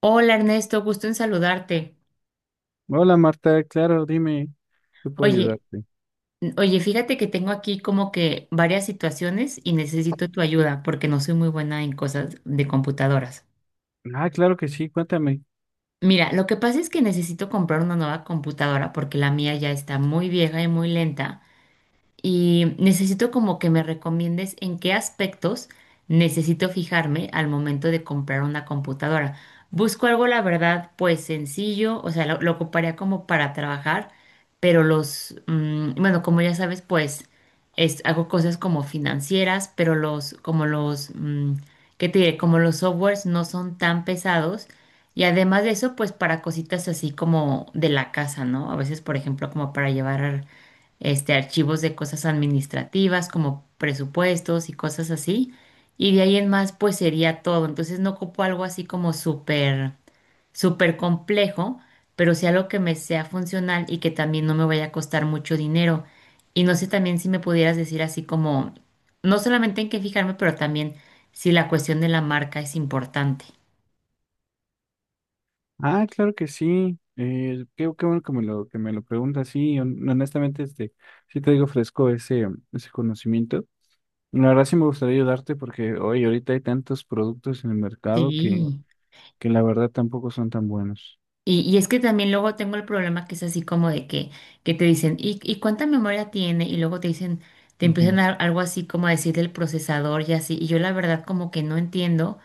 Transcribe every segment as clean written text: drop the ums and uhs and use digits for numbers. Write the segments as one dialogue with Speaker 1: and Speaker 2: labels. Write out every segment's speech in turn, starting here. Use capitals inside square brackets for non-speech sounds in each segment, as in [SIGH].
Speaker 1: Hola Ernesto, gusto en saludarte.
Speaker 2: Hola Marta, claro, dime, ¿qué puedo
Speaker 1: Oye,
Speaker 2: ayudarte?
Speaker 1: oye, fíjate que tengo aquí como que varias situaciones y necesito tu ayuda porque no soy muy buena en cosas de computadoras.
Speaker 2: Ah, claro que sí, cuéntame.
Speaker 1: Mira, lo que pasa es que necesito comprar una nueva computadora porque la mía ya está muy vieja y muy lenta. Y necesito como que me recomiendes en qué aspectos necesito fijarme al momento de comprar una computadora. Busco algo, la verdad, pues sencillo, o sea, lo ocuparía como para trabajar, pero bueno, como ya sabes, pues es, hago cosas como financieras, pero los, como los, mm, ¿qué te diré? Como los softwares no son tan pesados. Y además de eso, pues para cositas así como de la casa, ¿no? A veces, por ejemplo, como para llevar archivos de cosas administrativas como presupuestos y cosas así. Y de ahí en más, pues sería todo. Entonces no ocupo algo así como súper, súper complejo, pero sí algo que me sea funcional y que también no me vaya a costar mucho dinero. Y no sé también si me pudieras decir así como, no solamente en qué fijarme, pero también si la cuestión de la marca es importante.
Speaker 2: Ah, claro que sí. Qué bueno que me lo preguntas. Sí, honestamente, este, sí te digo fresco ese conocimiento. La verdad sí me gustaría ayudarte porque hoy ahorita hay tantos productos en el mercado que,
Speaker 1: Sí.
Speaker 2: que la verdad tampoco son tan buenos.
Speaker 1: Y es que también luego tengo el problema que es así como de que te dicen, ¿y cuánta memoria tiene? Y luego te dicen, te empiezan
Speaker 2: Ujú,
Speaker 1: a, algo así como a decir del procesador y así. Y yo la verdad como que no entiendo,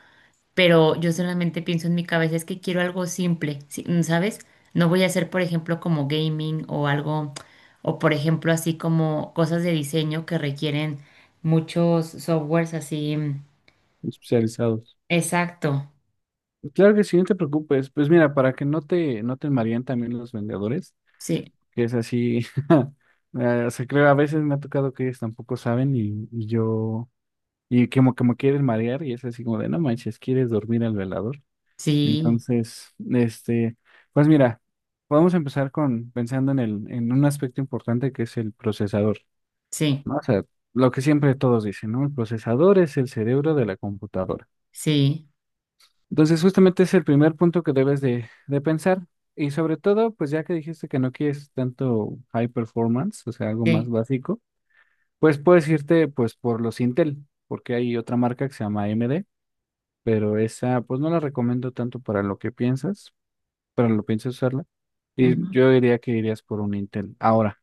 Speaker 1: pero yo solamente pienso en mi cabeza, es que quiero algo simple, sí, ¿sabes? No voy a hacer, por ejemplo, como gaming o algo, o por ejemplo, así como cosas de diseño que requieren muchos softwares así.
Speaker 2: especializados.
Speaker 1: Exacto.
Speaker 2: Claro que sí, no te preocupes. Pues mira, para que no te mareen también los vendedores,
Speaker 1: Sí,
Speaker 2: que es así. [LAUGHS] O sea, creo a veces me ha tocado que ellos tampoco saben y yo, y como que me quieren marear y es así como de, no manches, ¿quieres dormir al velador?
Speaker 1: sí,
Speaker 2: Entonces, este, pues mira, vamos a empezar con pensando en un aspecto importante que es el procesador,
Speaker 1: sí,
Speaker 2: ¿no? O sea, lo que siempre todos dicen, ¿no? El procesador es el cerebro de la computadora.
Speaker 1: sí,
Speaker 2: Entonces, justamente es el primer punto que debes de pensar. Y sobre todo, pues ya que dijiste que no quieres tanto high performance, o sea, algo más básico, pues puedes irte pues por los Intel, porque hay otra marca que se llama AMD, pero esa pues no la recomiendo tanto para lo que piensas usarla. Y
Speaker 1: sí.
Speaker 2: yo diría que irías por un Intel. Ahora,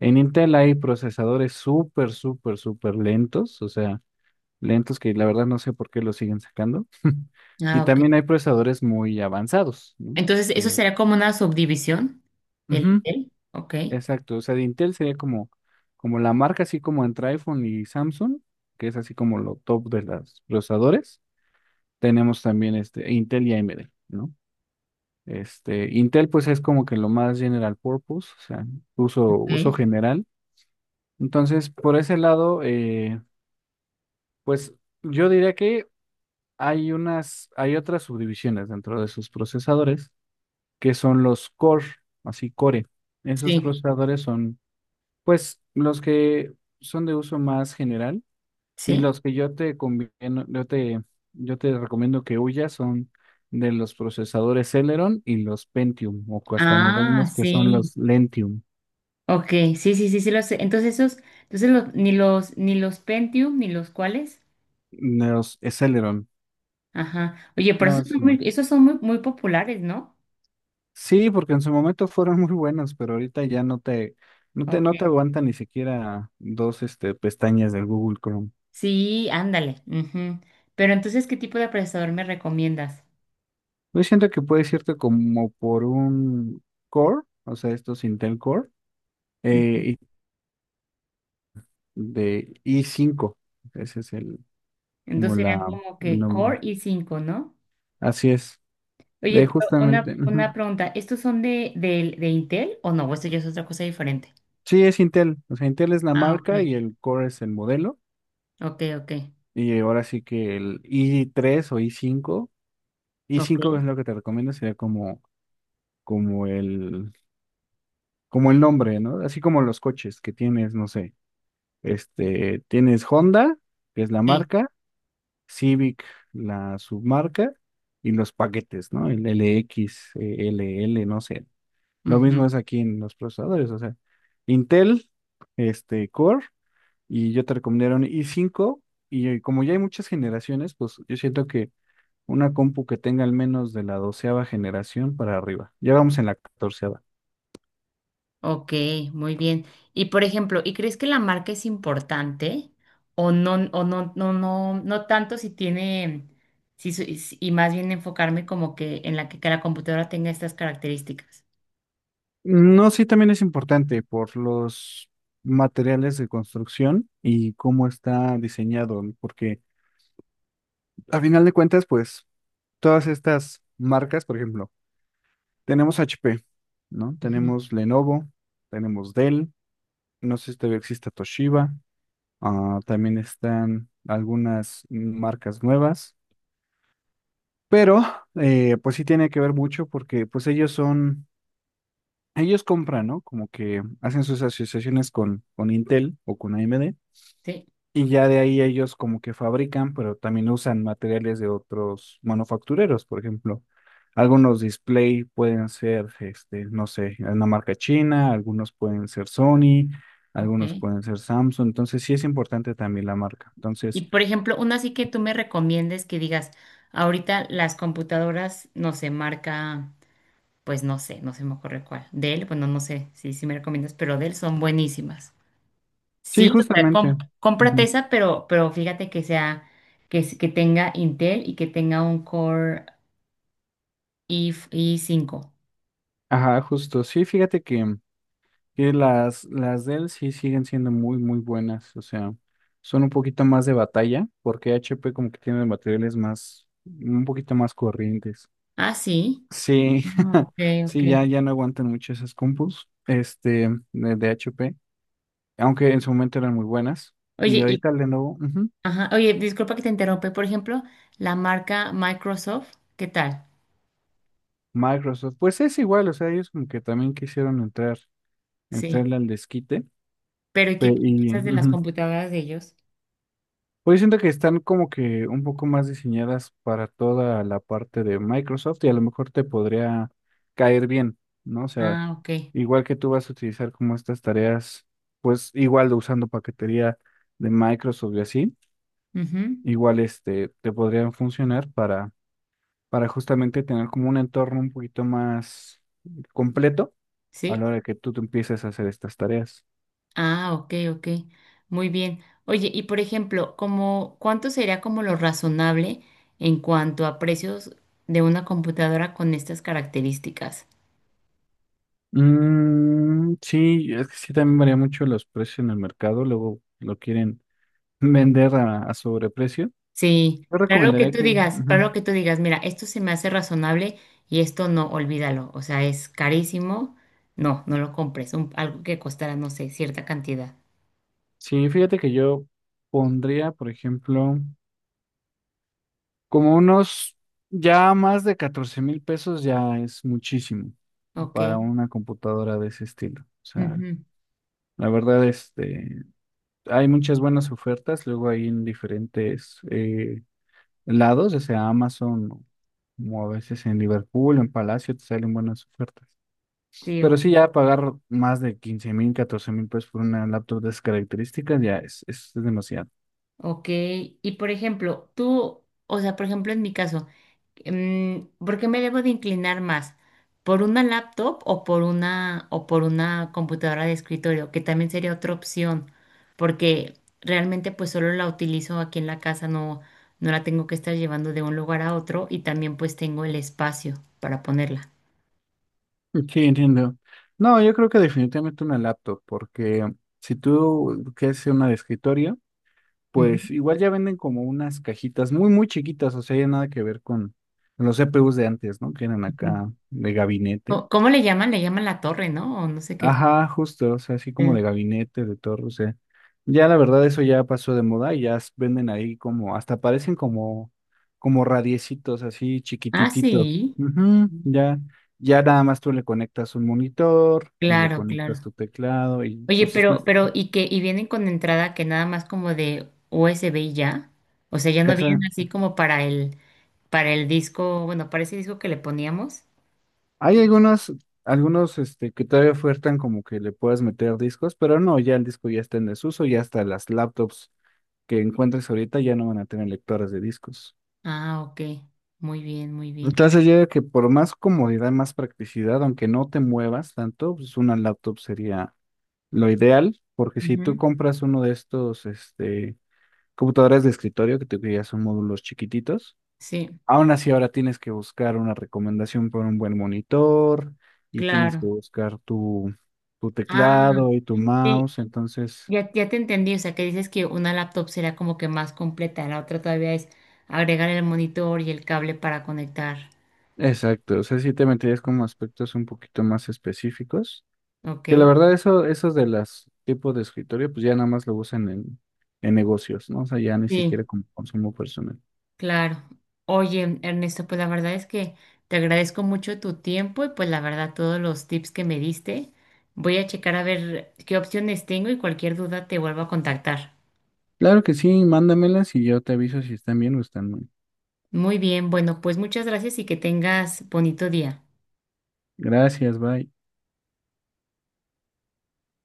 Speaker 2: en Intel hay procesadores súper, súper, súper lentos, o sea, lentos que la verdad no sé por qué los siguen sacando. [LAUGHS] Y
Speaker 1: Ah, ok.
Speaker 2: también hay procesadores muy avanzados, ¿no?
Speaker 1: Entonces, eso
Speaker 2: Que-
Speaker 1: será como una subdivisión del
Speaker 2: Ujú,
Speaker 1: hotel. Ok,
Speaker 2: exacto, o sea, de Intel sería como la marca, así como entre iPhone y Samsung, que es así como lo top de los procesadores. Tenemos también este, Intel y AMD, ¿no? Este, Intel pues es como que lo más general purpose, o sea, uso
Speaker 1: ok.
Speaker 2: general. Entonces, por ese lado, pues yo diría que hay otras subdivisiones dentro de sus procesadores que son los core, así core. Esos
Speaker 1: Sí,
Speaker 2: procesadores son, pues, los que son de uso más general, y
Speaker 1: sí.
Speaker 2: los que yo te conviene- yo te recomiendo que huyas son de los procesadores Celeron y los Pentium, o hasta nos
Speaker 1: Ah,
Speaker 2: reímos que son
Speaker 1: sí.
Speaker 2: los Lentium,
Speaker 1: Ok, sí, sí, sí, sí lo sé. Entonces, esos, entonces ni los Pentium, ni los cuales.
Speaker 2: los Celeron.
Speaker 1: Ajá. Oye, pero
Speaker 2: No, eso no.
Speaker 1: esos son muy, muy populares, ¿no?
Speaker 2: Sí, porque en su momento fueron muy buenos, pero ahorita ya
Speaker 1: Ok.
Speaker 2: no te aguanta ni siquiera dos, este, pestañas del Google Chrome.
Speaker 1: Sí, ándale. Ujú. Pero entonces, ¿qué tipo de procesador me recomiendas?
Speaker 2: Yo siento que puedes irte como por un Core, o sea, estos Intel Core,
Speaker 1: Ujú.
Speaker 2: eh, y- de i5. Ese es
Speaker 1: Entonces
Speaker 2: como la,
Speaker 1: serían como
Speaker 2: el
Speaker 1: que
Speaker 2: nombre.
Speaker 1: Core i cinco, ¿no?
Speaker 2: Así es.
Speaker 1: Oye,
Speaker 2: De
Speaker 1: pero
Speaker 2: justamente.
Speaker 1: una
Speaker 2: Ujú.
Speaker 1: pregunta, ¿estos son de Intel o no? ¿O esto ya es otra cosa diferente?
Speaker 2: Sí, es Intel. O sea, Intel es la
Speaker 1: Ah,
Speaker 2: marca
Speaker 1: ok,
Speaker 2: y el Core es el modelo.
Speaker 1: ok, ok,
Speaker 2: Y ahora sí que el i3 o i5, i5
Speaker 1: ok,
Speaker 2: es lo que te recomiendo, sería como el, como el nombre, ¿no? Así como los coches que tienes, no sé, este, tienes Honda, que es la
Speaker 1: sí.
Speaker 2: marca, Civic, la submarca, y los paquetes, ¿no? El LX, LL, no sé. Lo mismo es
Speaker 1: Ujú,
Speaker 2: aquí en los procesadores, o sea, Intel, este, Core, y yo te recomendaría un i5, y como ya hay muchas generaciones, pues yo siento que una compu que tenga al menos de la doceava generación para arriba. Ya vamos en la catorceava.
Speaker 1: ok, muy bien. Y por ejemplo, ¿y crees que la marca es importante o no, no, no, no tanto si tiene, si, su- y si- y más bien enfocarme como que en la que la computadora tenga estas características?
Speaker 2: No, sí, también es importante por los materiales de construcción y cómo está diseñado, ¿no? Porque a final de cuentas, pues todas estas marcas, por ejemplo, tenemos H P, ¿no?
Speaker 1: Ujú,
Speaker 2: Tenemos Lenovo, tenemos Dell, no sé si todavía existe Toshiba, ah, también están algunas marcas nuevas, pero pues sí tiene que ver mucho porque pues ellos compran, ¿no? Como que hacen sus asociaciones con Intel o con AMD.
Speaker 1: sí,
Speaker 2: Y ya de ahí ellos como que fabrican, pero también usan materiales de otros manufactureros, por ejemplo. Algunos display pueden ser, este, no sé, una marca china, algunos pueden ser Sony, algunos
Speaker 1: ok.
Speaker 2: pueden ser Samsung. Entonces sí es importante también la marca.
Speaker 1: Y
Speaker 2: Entonces,
Speaker 1: por ejemplo, una así que tú me recomiendes que digas, ahorita las computadoras no se marca, pues no sé, no se me ocurre cuál. Dell, bueno, no sé si si me recomiendas, pero Dell son buenísimas.
Speaker 2: sí,
Speaker 1: Sí, o sea,
Speaker 2: justamente.
Speaker 1: com- cómprate
Speaker 2: Ujú.
Speaker 1: esa, pero fíjate que sea, que, s- que tenga Intel y que tenga un Core i cinco.
Speaker 2: Ajá, justo. Sí, fíjate que las Dell sí siguen siendo muy, muy buenas. O sea, son un poquito más de batalla, porque HP como que tiene materiales más, un poquito más corrientes.
Speaker 1: Ah, sí.
Speaker 2: Sí.
Speaker 1: Ah,
Speaker 2: [LAUGHS]
Speaker 1: ok, ok.
Speaker 2: Sí, ya, ya no aguantan mucho esas compus, este, de HP, aunque en su momento eran muy buenas. Y
Speaker 1: Oye, y,
Speaker 2: ahorita Lenovo, ujú.
Speaker 1: ajá, oye, disculpa que te interrumpe. Por ejemplo, la marca Microsoft, ¿qué tal?
Speaker 2: Microsoft, pues es igual, o sea, ellos como que también quisieron entrar,
Speaker 1: Sí.
Speaker 2: entrarle al desquite.
Speaker 1: Pero ¿y qué, qué piensas de las
Speaker 2: Ujú.
Speaker 1: computadoras de ellos?
Speaker 2: Pues siento que están como que un poco más diseñadas para toda la parte de Microsoft, y a lo mejor te podría caer bien, ¿no? O sea,
Speaker 1: Ah, ok.
Speaker 2: igual que tú vas a utilizar como estas tareas, pues igual usando paquetería de Microsoft y así.
Speaker 1: Ujú.
Speaker 2: Igual este, te podrían funcionar para justamente tener como un entorno un poquito más completo a
Speaker 1: Sí.
Speaker 2: la hora que tú te empieces a hacer estas tareas.
Speaker 1: Ah, ok, ok. Muy bien. Oye, y por ejemplo, como, ¿cuánto sería como lo razonable en cuanto a precios de una computadora con estas características?
Speaker 2: Mm, sí, es que sí también varía mucho los precios en el mercado, luego lo quieren [LAUGHS] vender a sobreprecio.
Speaker 1: Sí,
Speaker 2: Yo
Speaker 1: para lo que
Speaker 2: recomendaría
Speaker 1: tú
Speaker 2: que,
Speaker 1: digas, para
Speaker 2: ujú.
Speaker 1: lo que tú digas, mira, esto se me hace razonable y esto no, olvídalo. O sea, es carísimo. No, no lo compres. Un- algo que costara no sé, cierta cantidad.
Speaker 2: Sí, fíjate que yo pondría, por ejemplo, como unos, ya más de 14,000 pesos ya es muchísimo
Speaker 1: Ok.
Speaker 2: para una computadora de ese estilo. O sea,
Speaker 1: Ujú.
Speaker 2: la verdad, este, hay muchas buenas ofertas luego ahí en diferentes lados, ya sea Amazon, o como a veces en Liverpool, en Palacio, te salen buenas ofertas.
Speaker 1: Sí,
Speaker 2: Pero sí,
Speaker 1: ok.
Speaker 2: ya pagar más de 15,000, 14,000 pesos por una laptop de esas características ya es demasiado.
Speaker 1: Ok, y por ejemplo, tú, o sea, por ejemplo, en mi caso, ¿por qué me debo de inclinar más? ¿Por una laptop o por una computadora de escritorio? Que también sería otra opción, porque realmente pues solo la utilizo aquí en la casa, no, no la tengo que estar llevando de un lugar a otro y también pues tengo el espacio para ponerla.
Speaker 2: Sí, entiendo. No, yo creo que definitivamente una laptop, porque si tú quieres una de escritorio,
Speaker 1: Ujú,
Speaker 2: pues igual ya venden como unas cajitas muy, muy chiquitas, o sea, ya nada que ver con los CPUs de antes, ¿no? Que eran
Speaker 1: ujú.
Speaker 2: acá de gabinete.
Speaker 1: ¿Cómo cómo le llaman? Le llaman la torre, ¿no? O no sé qué.
Speaker 2: Ajá, justo, o sea, así como de
Speaker 1: Sí.
Speaker 2: gabinete, de torre, o sea, ya la verdad eso ya pasó de moda y ya venden ahí como, hasta parecen como radiecitos así
Speaker 1: Ah,
Speaker 2: chiquitititos.
Speaker 1: sí.
Speaker 2: Ujú, ya, ya nada más tú le conectas un monitor y le
Speaker 1: Claro, claro.
Speaker 2: conectas tu teclado y
Speaker 1: Oye,
Speaker 2: pues sí, pues,
Speaker 1: pero, ¿y que ¿y vienen con entrada que nada más como de USB y ya? O sea, ya no
Speaker 2: esa-
Speaker 1: vienen así como para el disco, bueno, para ese disco que le poníamos.
Speaker 2: hay
Speaker 1: Y-
Speaker 2: algunos, este que todavía ofertan como que le puedas meter discos, pero no, ya el disco ya está en desuso, y hasta las laptops que encuentres ahorita ya no van a tener lectores de discos.
Speaker 1: ah, ok. Muy bien, muy bien.
Speaker 2: Entonces yo digo que por más comodidad, más practicidad, aunque no te muevas tanto, pues una laptop sería lo ideal, porque si tú
Speaker 1: Ujú,
Speaker 2: compras uno de estos, este, computadores de escritorio que ya son módulos chiquititos,
Speaker 1: sí,
Speaker 2: aún así ahora tienes que buscar una recomendación por un buen monitor y tienes que
Speaker 1: claro.
Speaker 2: buscar tu
Speaker 1: Ah,
Speaker 2: teclado y tu
Speaker 1: sí,
Speaker 2: mouse, entonces,
Speaker 1: ya, ya te entendí. O sea, que dices que una laptop será como que más completa. La otra todavía es agregar el monitor y el cable para conectar.
Speaker 2: exacto, o sea, si te meterías como aspectos un poquito más específicos.
Speaker 1: Ok.
Speaker 2: Que la verdad, eso, esos de los tipos de escritorio, pues ya nada más lo usan en negocios, ¿no? O sea, ya ni
Speaker 1: Sí,
Speaker 2: siquiera como consumo personal.
Speaker 1: claro. Oye, Ernesto, pues la verdad es que te agradezco mucho tu tiempo y pues la verdad todos los tips que me diste. Voy a checar a ver qué opciones tengo y cualquier duda te vuelvo a contactar.
Speaker 2: Claro que sí, mándamelas y yo te aviso si están bien o están mal.
Speaker 1: Muy bien, bueno, pues muchas gracias y que tengas bonito día.
Speaker 2: Gracias, bye.